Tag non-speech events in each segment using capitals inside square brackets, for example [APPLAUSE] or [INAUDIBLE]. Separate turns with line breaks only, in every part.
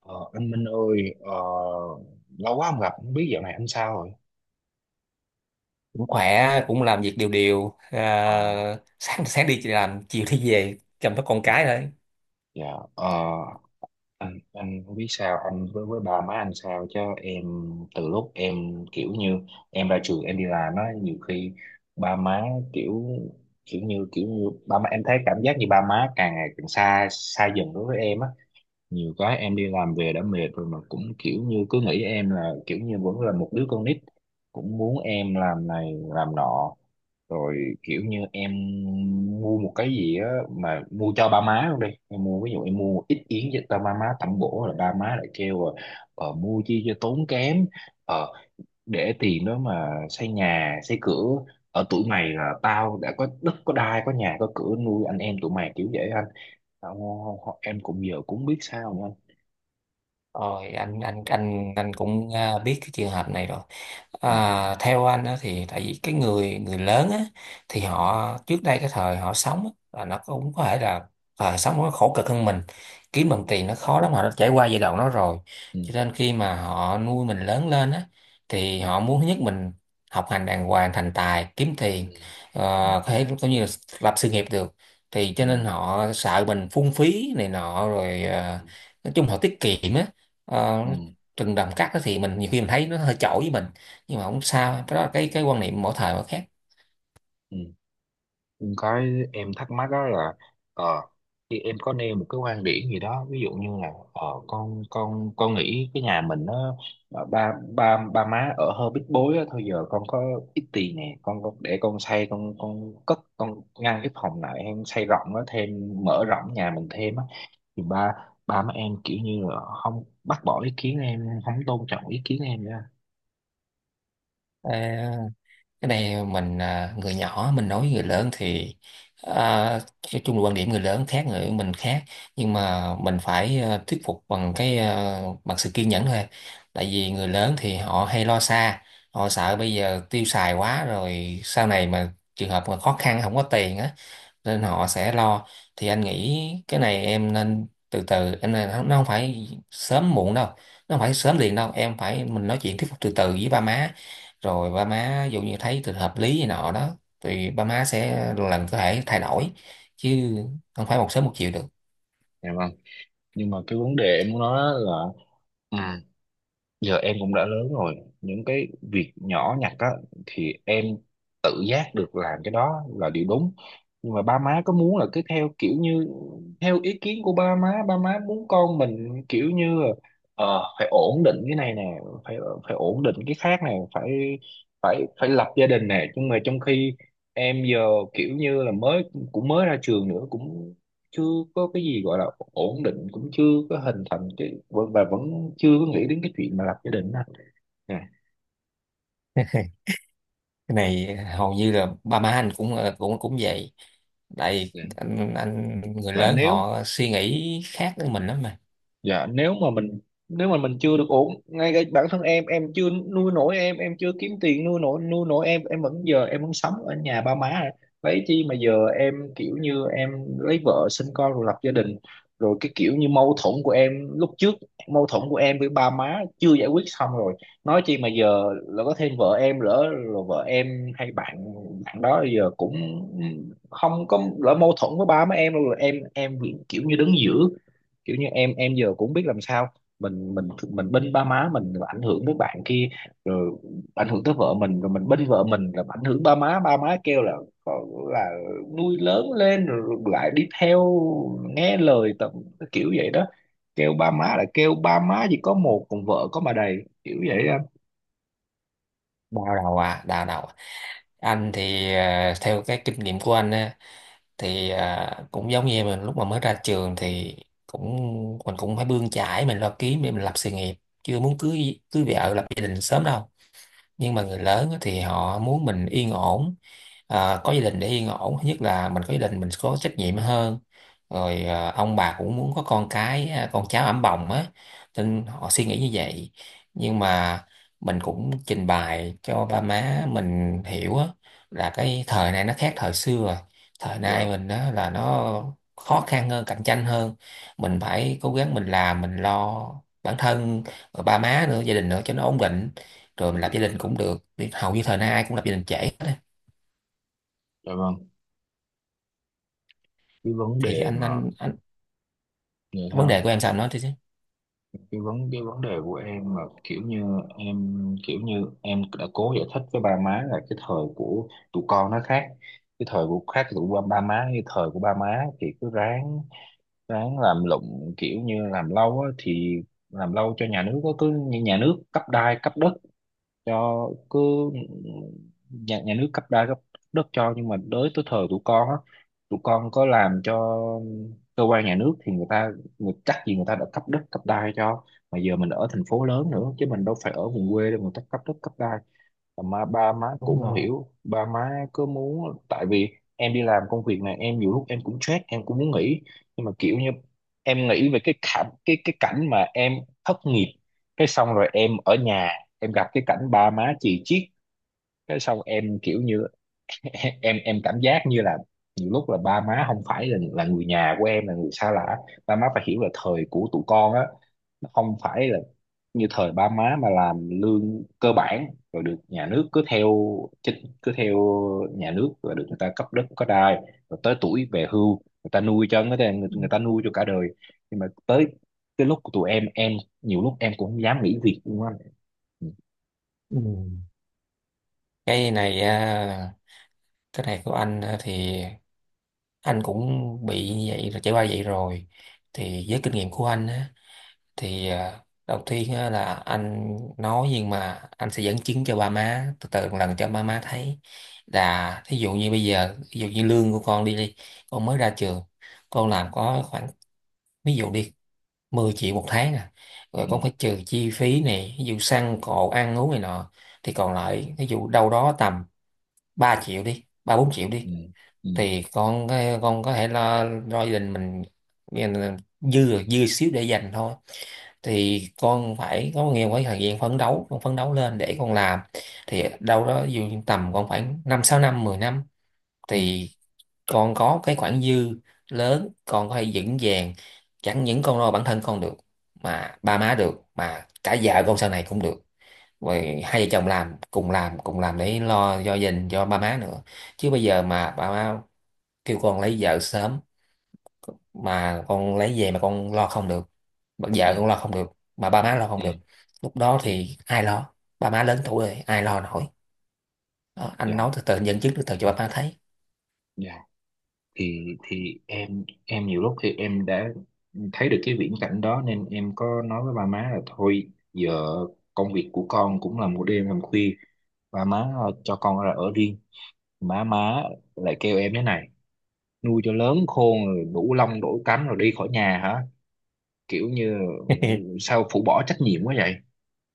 Ờ, anh Minh ơi, lâu quá không gặp, không biết dạo này anh sao rồi?
Cũng khỏe, cũng làm việc đều đều
Ờ.
à, sáng sáng đi làm, chiều đi về chăm sóc con cái
Dạ.
thôi.
Dạ. Ờ. Anh không biết sao, anh với ba má anh sao chứ em? Từ lúc em kiểu như em ra trường em đi làm á, nhiều khi ba má kiểu kiểu như ba má em thấy cảm giác như ba má càng ngày càng xa xa dần đối với em á. Nhiều cái em đi làm về đã mệt rồi mà cũng kiểu như cứ nghĩ em là kiểu như vẫn là một đứa con nít, cũng muốn em làm này làm nọ, rồi kiểu như em mua một cái gì á mà mua cho ba má luôn đi, em mua, ví dụ em mua ít yến cho ba má tẩm bổ là ba má lại kêu là mua chi cho tốn kém, ờ, để tiền đó mà xây nhà xây cửa, ở tuổi mày là tao đã có đất có đai có nhà có cửa nuôi anh em tụi mày, kiểu vậy anh. Em cũng giờ cũng biết sao nữa anh.
Rồi anh cũng biết cái trường hợp này rồi.
Ừ.
À, theo anh á, thì tại vì cái người người lớn á, thì
Ừ.
họ trước đây cái thời họ sống á, là nó cũng có thể là thời sống nó khổ cực hơn mình, kiếm
Ừ.
bằng tiền nó khó lắm, họ đã trải qua giai đoạn đó rồi.
Ừ.
Cho nên khi mà họ nuôi mình lớn lên á, thì
Ừ.
họ muốn thứ nhất mình học hành đàng hoàng, thành tài kiếm
Ừ.
tiền, ờ,
Ừ.
có thể cũng như là lập sự nghiệp được. Thì cho
Ừ.
nên họ sợ mình phung phí này nọ, rồi nói chung họ tiết kiệm á. Ờ,
Ừ.
Rừng đầm cát đó thì mình nhiều khi mình thấy nó hơi chổi với mình, nhưng mà không sao, cái đó là cái quan niệm mỗi thời mỗi khác.
Ừ. Ừ. Cái em thắc mắc đó là, ờ, khi em có nêu một cái quan điểm gì đó, ví dụ như là con nghĩ cái nhà mình nó ba ba ba má ở hơi bít bối á, thôi giờ con có ít tiền nè, con để con xây, con cất, con ngăn cái phòng lại, em xây rộng nó thêm, mở rộng nhà mình thêm á, thì ba ba má em kiểu như là không, bác bỏ ý kiến em, không tôn trọng ý kiến em nữa.
Ờ, cái này mình người nhỏ mình nói với người lớn thì à, nói chung là quan điểm người lớn khác, người mình khác. Nhưng mà mình phải thuyết phục bằng cái bằng sự kiên nhẫn thôi. Tại vì người lớn thì họ hay lo xa, họ sợ bây giờ tiêu xài quá rồi, sau này mà trường hợp mà khó khăn không có tiền á, nên họ sẽ lo. Thì anh nghĩ cái này em nên từ từ, em nên, nó không phải sớm muộn đâu, nó không phải sớm liền đâu, em phải, mình nói chuyện thuyết phục từ từ với ba má. Rồi ba má ví dụ như thấy từ hợp lý gì nọ đó thì ba má sẽ lần có thể thay đổi, chứ không phải một sớm một chiều được.
Dạ vâng. Nhưng mà cái vấn đề em muốn nói là, ừ, giờ em cũng đã lớn rồi. Những cái việc nhỏ nhặt á thì em tự giác được, làm cái đó là điều đúng. Nhưng mà ba má có muốn là cứ theo kiểu như theo ý kiến của ba má, ba má muốn con mình kiểu như là, phải ổn định cái này nè, phải phải ổn định cái khác nè, phải phải phải lập gia đình nè, nhưng mà trong khi em giờ kiểu như là mới, cũng mới ra trường nữa, cũng chưa có cái gì gọi là ổn định, cũng chưa có hình thành cái và vẫn chưa có nghĩ đến cái chuyện mà lập gia đình đó nè, nè.
[LAUGHS] Cái này hầu như là ba má anh cũng cũng cũng vậy. Tại
Dạ.
anh, người
Dạ.
lớn
nếu
họ suy nghĩ khác với mình lắm mà.
dạ nếu mà mình nếu mà mình chưa được ổn ngay, cái bản thân em chưa nuôi nổi em chưa kiếm tiền nuôi nổi, nuôi nổi em, em vẫn giờ, em vẫn sống ở nhà ba má rồi. Vậy chi mà giờ em kiểu như em lấy vợ sinh con rồi lập gia đình, rồi cái kiểu như mâu thuẫn của em lúc trước, mâu thuẫn của em với ba má chưa giải quyết xong, rồi nói chi mà giờ là có thêm vợ em lỡ rồi, vợ em hay bạn bạn đó giờ cũng không có, lỡ mâu thuẫn với ba má em rồi, em kiểu như đứng giữa, kiểu như em giờ cũng biết làm sao, mình bênh ba má mình rồi ảnh hưởng tới bạn kia, rồi ảnh hưởng tới vợ mình, rồi mình bênh vợ mình rồi ảnh hưởng ba má, ba má kêu là là nuôi lớn lên rồi lại đi theo nghe lời tầm, kiểu vậy đó, kêu ba má là, kêu ba má chỉ có một còn vợ có mà đầy, kiểu vậy anh.
Đau đầu à, đau đầu à. Anh thì theo cái kinh nghiệm của anh á thì cũng giống như mình lúc mà mới ra trường thì cũng mình cũng phải bươn chải, mình lo kiếm để mình lập sự nghiệp, chưa muốn cưới cưới vợ lập gia đình sớm đâu. Nhưng mà người lớn á thì họ muốn mình yên ổn, có gia đình để yên ổn. Thứ nhất là mình có gia đình mình có trách nhiệm hơn, rồi ông bà cũng muốn có con cái, con cháu ẵm bồng á, nên họ suy nghĩ như vậy. Nhưng mà mình cũng trình bày cho ba má mình hiểu á, là cái thời này nó khác thời xưa rồi. Thời nay
Dạ,
mình á là nó khó khăn hơn, cạnh tranh hơn, mình phải cố gắng, mình làm mình lo bản thân, rồi ba má nữa, gia đình nữa cho nó ổn định, rồi mình lập gia đình cũng được. Thì hầu như thời nay ai cũng lập gia đình trễ hết á.
dạ vâng. Cái vấn
Thì cái
đề
anh
mà
anh anh
người ta
vấn đề của em sao anh nói thì
cái vấn đề của em mà kiểu như em, kiểu như em đã cố giải thích với ba má là cái thời của tụi con nó khác, cái thời của khác tụi ba má, như thời của ba má thì cứ ráng, ráng làm lụng kiểu như làm lâu á, thì làm lâu cho nhà nước á, cứ như nhà nước cấp đai cấp đất cho, cứ nhà nhà nước cấp đai cấp đất cho, nhưng mà tới tới thời tụi con á, tụi con có làm cho cơ quan nhà nước thì người ta người chắc gì người ta đã cấp đất cấp đai cho, mà giờ mình ở thành phố lớn nữa chứ mình đâu phải ở vùng quê đâu mà người ta cấp đất cấp đai. Mà ba má cũng
đúng
không
rồi.
hiểu, ba má cứ muốn, tại vì em đi làm công việc này em nhiều lúc em cũng stress, em cũng muốn nghỉ, nhưng mà kiểu như em nghĩ về cái cảnh, cái cảnh mà em thất nghiệp, cái xong rồi em ở nhà em gặp cái cảnh ba má chì chiết, cái xong em kiểu như [LAUGHS] em cảm giác như là nhiều lúc là ba má không phải là người nhà của em, là người xa lạ. Ba má phải hiểu là thời của tụi con á, nó không phải là như thời ba má mà làm lương cơ bản rồi được nhà nước cứ theo chính cứ theo nhà nước rồi được người ta cấp đất có đai, rồi tới tuổi về hưu người ta nuôi cho, người ta nuôi cho cả đời, nhưng mà tới cái lúc của tụi em nhiều lúc em cũng không dám nghỉ việc luôn á. Ừ.
Ừ. cái này à, cái này của anh á thì anh cũng bị như vậy rồi, trải qua vậy rồi. Thì với kinh nghiệm của anh á, thì đầu tiên á là anh nói, nhưng mà anh sẽ dẫn chứng cho ba má từ từ một lần cho ba má thấy. Là thí dụ như bây giờ, ví dụ như lương của con đi đi, con mới ra trường con làm có khoảng, ví dụ đi, 10 triệu một tháng à. Rồi
Ừ.
con phải trừ chi phí này, ví dụ xăng cộ, ăn uống này nọ, thì còn lại ví dụ đâu đó tầm 3 triệu đi, ba bốn triệu
Ừ.
đi.
Ừ.
Thì con có thể lo lo gia đình mình, dư dư xíu để dành thôi. Thì con phải có nhiều cái thời gian phấn đấu, con phấn đấu lên để con làm, thì đâu đó dù tầm con khoảng năm sáu năm, 10 năm.
Ừ.
Thì con có cái khoản dư lớn, con có thể vững vàng, chẳng những con lo bản thân con được, mà ba má được, mà cả vợ con sau này cũng được. Rồi hai vợ chồng làm để lo cho gia đình, cho ba má nữa. Chứ bây giờ mà ba má kêu con lấy vợ sớm, mà con lấy về mà con lo không được, bà
Ừ.
vợ con lo không được, mà ba má lo
Ừ.
không
Ừ.
được, lúc đó
Ừ.
thì ai lo? Ba má lớn tuổi rồi ai lo nổi? Đó, anh
Dạ.
nói từ từ, dẫn chứng từ từ cho ba má thấy.
Dạ. Thì em nhiều lúc thì em đã thấy được cái viễn cảnh đó, nên em có nói với ba má là thôi giờ công việc của con cũng là một đêm làm khuya, ba má cho con ra ở riêng. Má má lại kêu em thế này, nuôi cho lớn khôn rồi đủ lông đủ cánh rồi đi khỏi nhà hả, kiểu như
[LAUGHS]
sao phụ bỏ trách nhiệm quá vậy,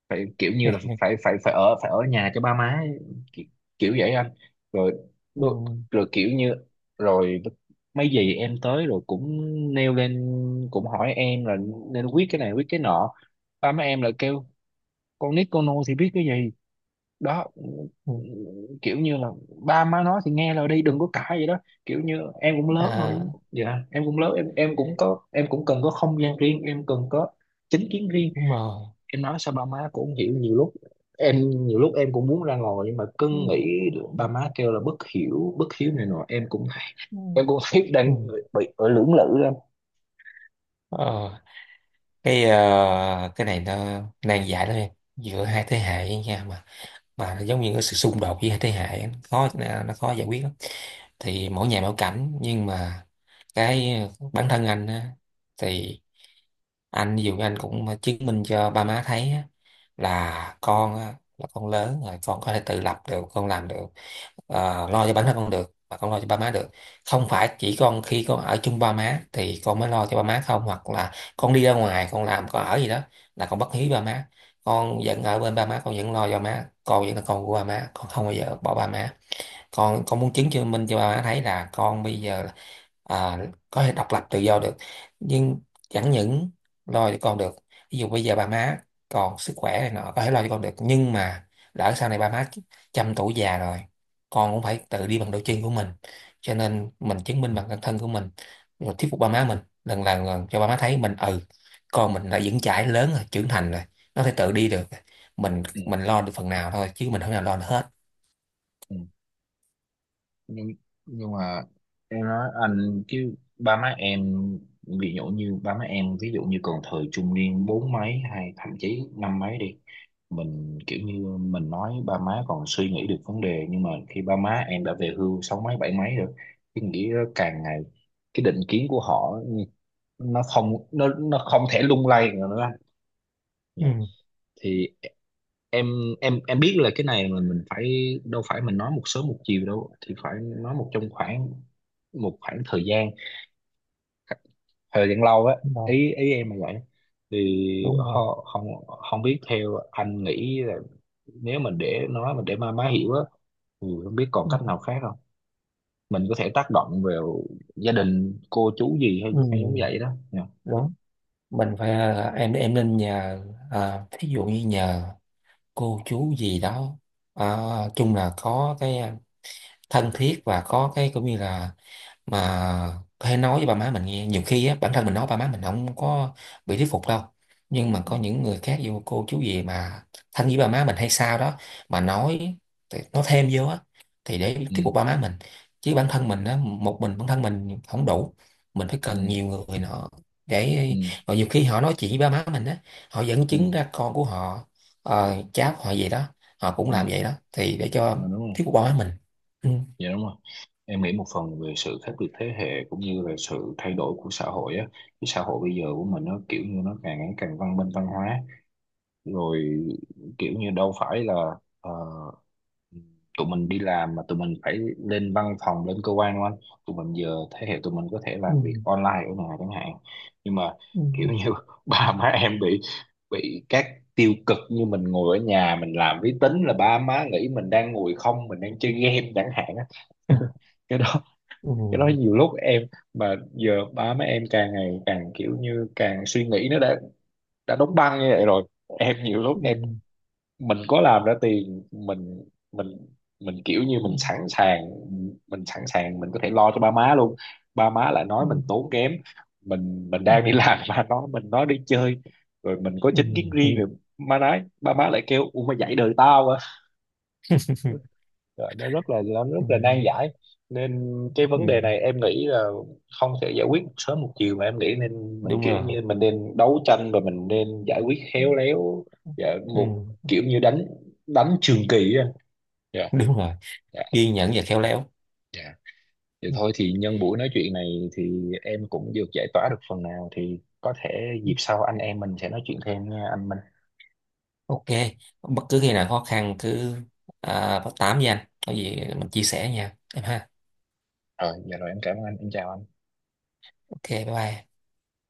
phải kiểu như là phải phải phải ở nhà cho ba má ấy, kiểu, kiểu vậy anh. Rồi
Ừ.
đôi- rồi kiểu như, rồi mấy dì em tới rồi cũng nêu lên, cũng hỏi em là nên quyết cái này quyết cái nọ, ba má em là kêu con nít con nô thì biết cái gì đó,
Ừ.
kiểu như là ba má nói thì nghe lời đi đừng có cãi vậy đó. Kiểu như em cũng lớn rồi,
À,
dạ em cũng lớn, em cũng có, em cũng cần có không gian riêng, em cần có chính kiến riêng.
đúng rồi.
Em nói sao ba má cũng không hiểu nhiều lúc, em nhiều lúc em cũng muốn ra ngồi nhưng mà cứ
Ừ.
nghĩ được ba má kêu là bất hiếu này nọ, em cũng
Ừ.
em cũng [LAUGHS] thấy
Ừ.
đang bị ở lưỡng lự lắm.
ờ, cái ờ, cái này nó nan giải lắm em. Giữa hai thế hệ nha, mà giống như cái sự xung đột với thế hệ á, khó, nó khó giải quyết lắm. Thì mỗi nhà mỗi cảnh, nhưng mà cái bản thân anh á, thì anh dù anh cũng chứng minh cho ba má thấy á, là con lớn rồi, con có thể tự lập được, con làm được, lo cho bản thân con được, và con lo cho ba má được. Không phải chỉ con khi con ở chung ba má thì con mới lo cho ba má không, hoặc là con đi ra ngoài, con làm, con ở gì đó là con bất hiếu ba má. Con vẫn ở bên ba má, con vẫn lo cho má, con vẫn là con của ba má, con không bao giờ bỏ ba má. Con muốn chứng chứng minh cho ba má thấy là con bây giờ à, có thể độc lập tự do được. Nhưng chẳng những lo cho con được, ví dụ bây giờ ba má còn sức khỏe này nọ có thể lo cho con được, nhưng mà lỡ sau này ba má trăm tuổi già rồi, con cũng phải tự đi bằng đôi chân của mình. Cho nên mình chứng minh bằng bản thân của mình, rồi thuyết phục ba má mình lần lần lần cho ba má thấy mình, ừ, con mình đã vững chãi lớn rồi, trưởng thành rồi, nó phải tự đi được. Mình lo được phần nào thôi, chứ mình không thể nào lo được hết.
Ừ. nhưng nhưng mà em nói anh chứ ba má em, ví dụ như ba má em, ví dụ như còn thời trung niên bốn mấy hay thậm chí năm mấy đi, mình kiểu như mình nói ba má còn suy nghĩ được vấn đề, nhưng mà khi ba má em đã về hưu sáu mấy bảy mấy rồi, cái nghĩ đó càng ngày, cái định kiến của họ, nó không thể lung lay nữa đó. Dạ.
Ừ,
Thì em em biết là cái này mà mình phải, đâu phải mình nói một sớm một chiều đâu, thì phải nói một, trong khoảng một khoảng thời gian, thời gian lâu á,
đúng rồi.
ý ý em là vậy. Thì
Đúng rồi,
ho- không không biết theo anh nghĩ là, nếu mình để nó, mình để má má hiểu á, thì không biết còn
ừ.
cách nào khác không, mình có thể tác động vào gia đình cô chú gì hay, hay giống
Ừ,
vậy đó nha.
đúng. Mình phải em nên nhờ thí dụ như nhờ cô chú gì đó, à, chung là có cái thân thiết và có cái cũng như là mà hay nói với ba má mình nghe. Nhiều khi á bản thân mình nói ba má mình không có bị thuyết phục đâu, nhưng mà
Ừ.
có những người khác vô, cô chú gì mà thân với ba má mình hay sao đó mà nói, thì nói thêm vô á, thì để
Ừ.
thuyết phục ba má mình. Chứ bản thân mình á, một mình bản thân mình không đủ, mình phải
Ừ.
cần nhiều người nữa
Ừ.
để, và nhiều khi họ nói chuyện với ba má mình á, họ dẫn
Ừ.
chứng ra con của họ, cháp họ gì đó, họ cũng
Ừ.
làm vậy đó thì để
Dạ,
cho
đúng rồi,
thuyết phục báo mình. Ừ.
dạ đúng rồi, em nghĩ một phần về sự khác biệt thế hệ cũng như là sự thay đổi của xã hội á, cái xã hội bây giờ của mình nó kiểu như nó càng ngày càng văn minh văn hóa rồi, kiểu như đâu phải là ờ, tụi mình đi làm mà tụi mình phải lên văn phòng lên cơ quan đúng không anh? Tụi mình giờ thế hệ tụi mình có thể làm
Ừ,
việc online ở nhà chẳng hạn, nhưng mà kiểu
ừ,
như [LAUGHS] ba má em bị các tiêu cực như mình ngồi ở nhà mình làm máy tính là ba má nghĩ mình đang ngồi không, mình đang chơi game chẳng hạn á. [LAUGHS] Cái đó,
ừ,
cái đó nhiều lúc em, mà giờ ba má em càng ngày càng kiểu như càng suy nghĩ nó đã đóng băng như vậy rồi. Em nhiều lúc
ừ,
em, mình có làm ra tiền mình, mình mình kiểu như
ừ,
mình sẵn sàng, mình sẵn sàng mình có thể lo cho ba má luôn, ba má lại nói
ừ,
mình tốn kém, mình
ừ,
đang đi làm [LAUGHS] mà nó, mình nói đi chơi, rồi mình có
ừ,
chính kiến
ừ.
riêng rồi, má nói, ba má lại kêu u mày dạy đời tao à.
[LAUGHS]
Rồi nó rất là, nó rất
Ừ.
là nan giải, nên cái
Ừ.
vấn đề này em nghĩ là không thể giải quyết một sớm một chiều, mà em nghĩ nên mình
Đúng
kiểu
rồi.
như mình nên đấu tranh, và mình nên giải quyết
Ừ,
khéo léo
ừ,
và một,
ừ.
kiểu như đánh, đánh trường kỳ. Dạ.
Đúng rồi,
Dạ.
kiên nhẫn và khéo léo.
Dạ. Vậy
Ừ,
thôi thì nhân buổi nói chuyện này thì em cũng được giải tỏa được phần nào, thì có thể
ừ.
dịp sau anh em mình sẽ nói chuyện thêm nha anh Minh.
OK, bất cứ khi nào khó khăn cứ báo tám với anh có gì mình chia sẻ nha em ha.
Rồi dạ rồi em cảm ơn anh, em chào anh.
OK, bye bye.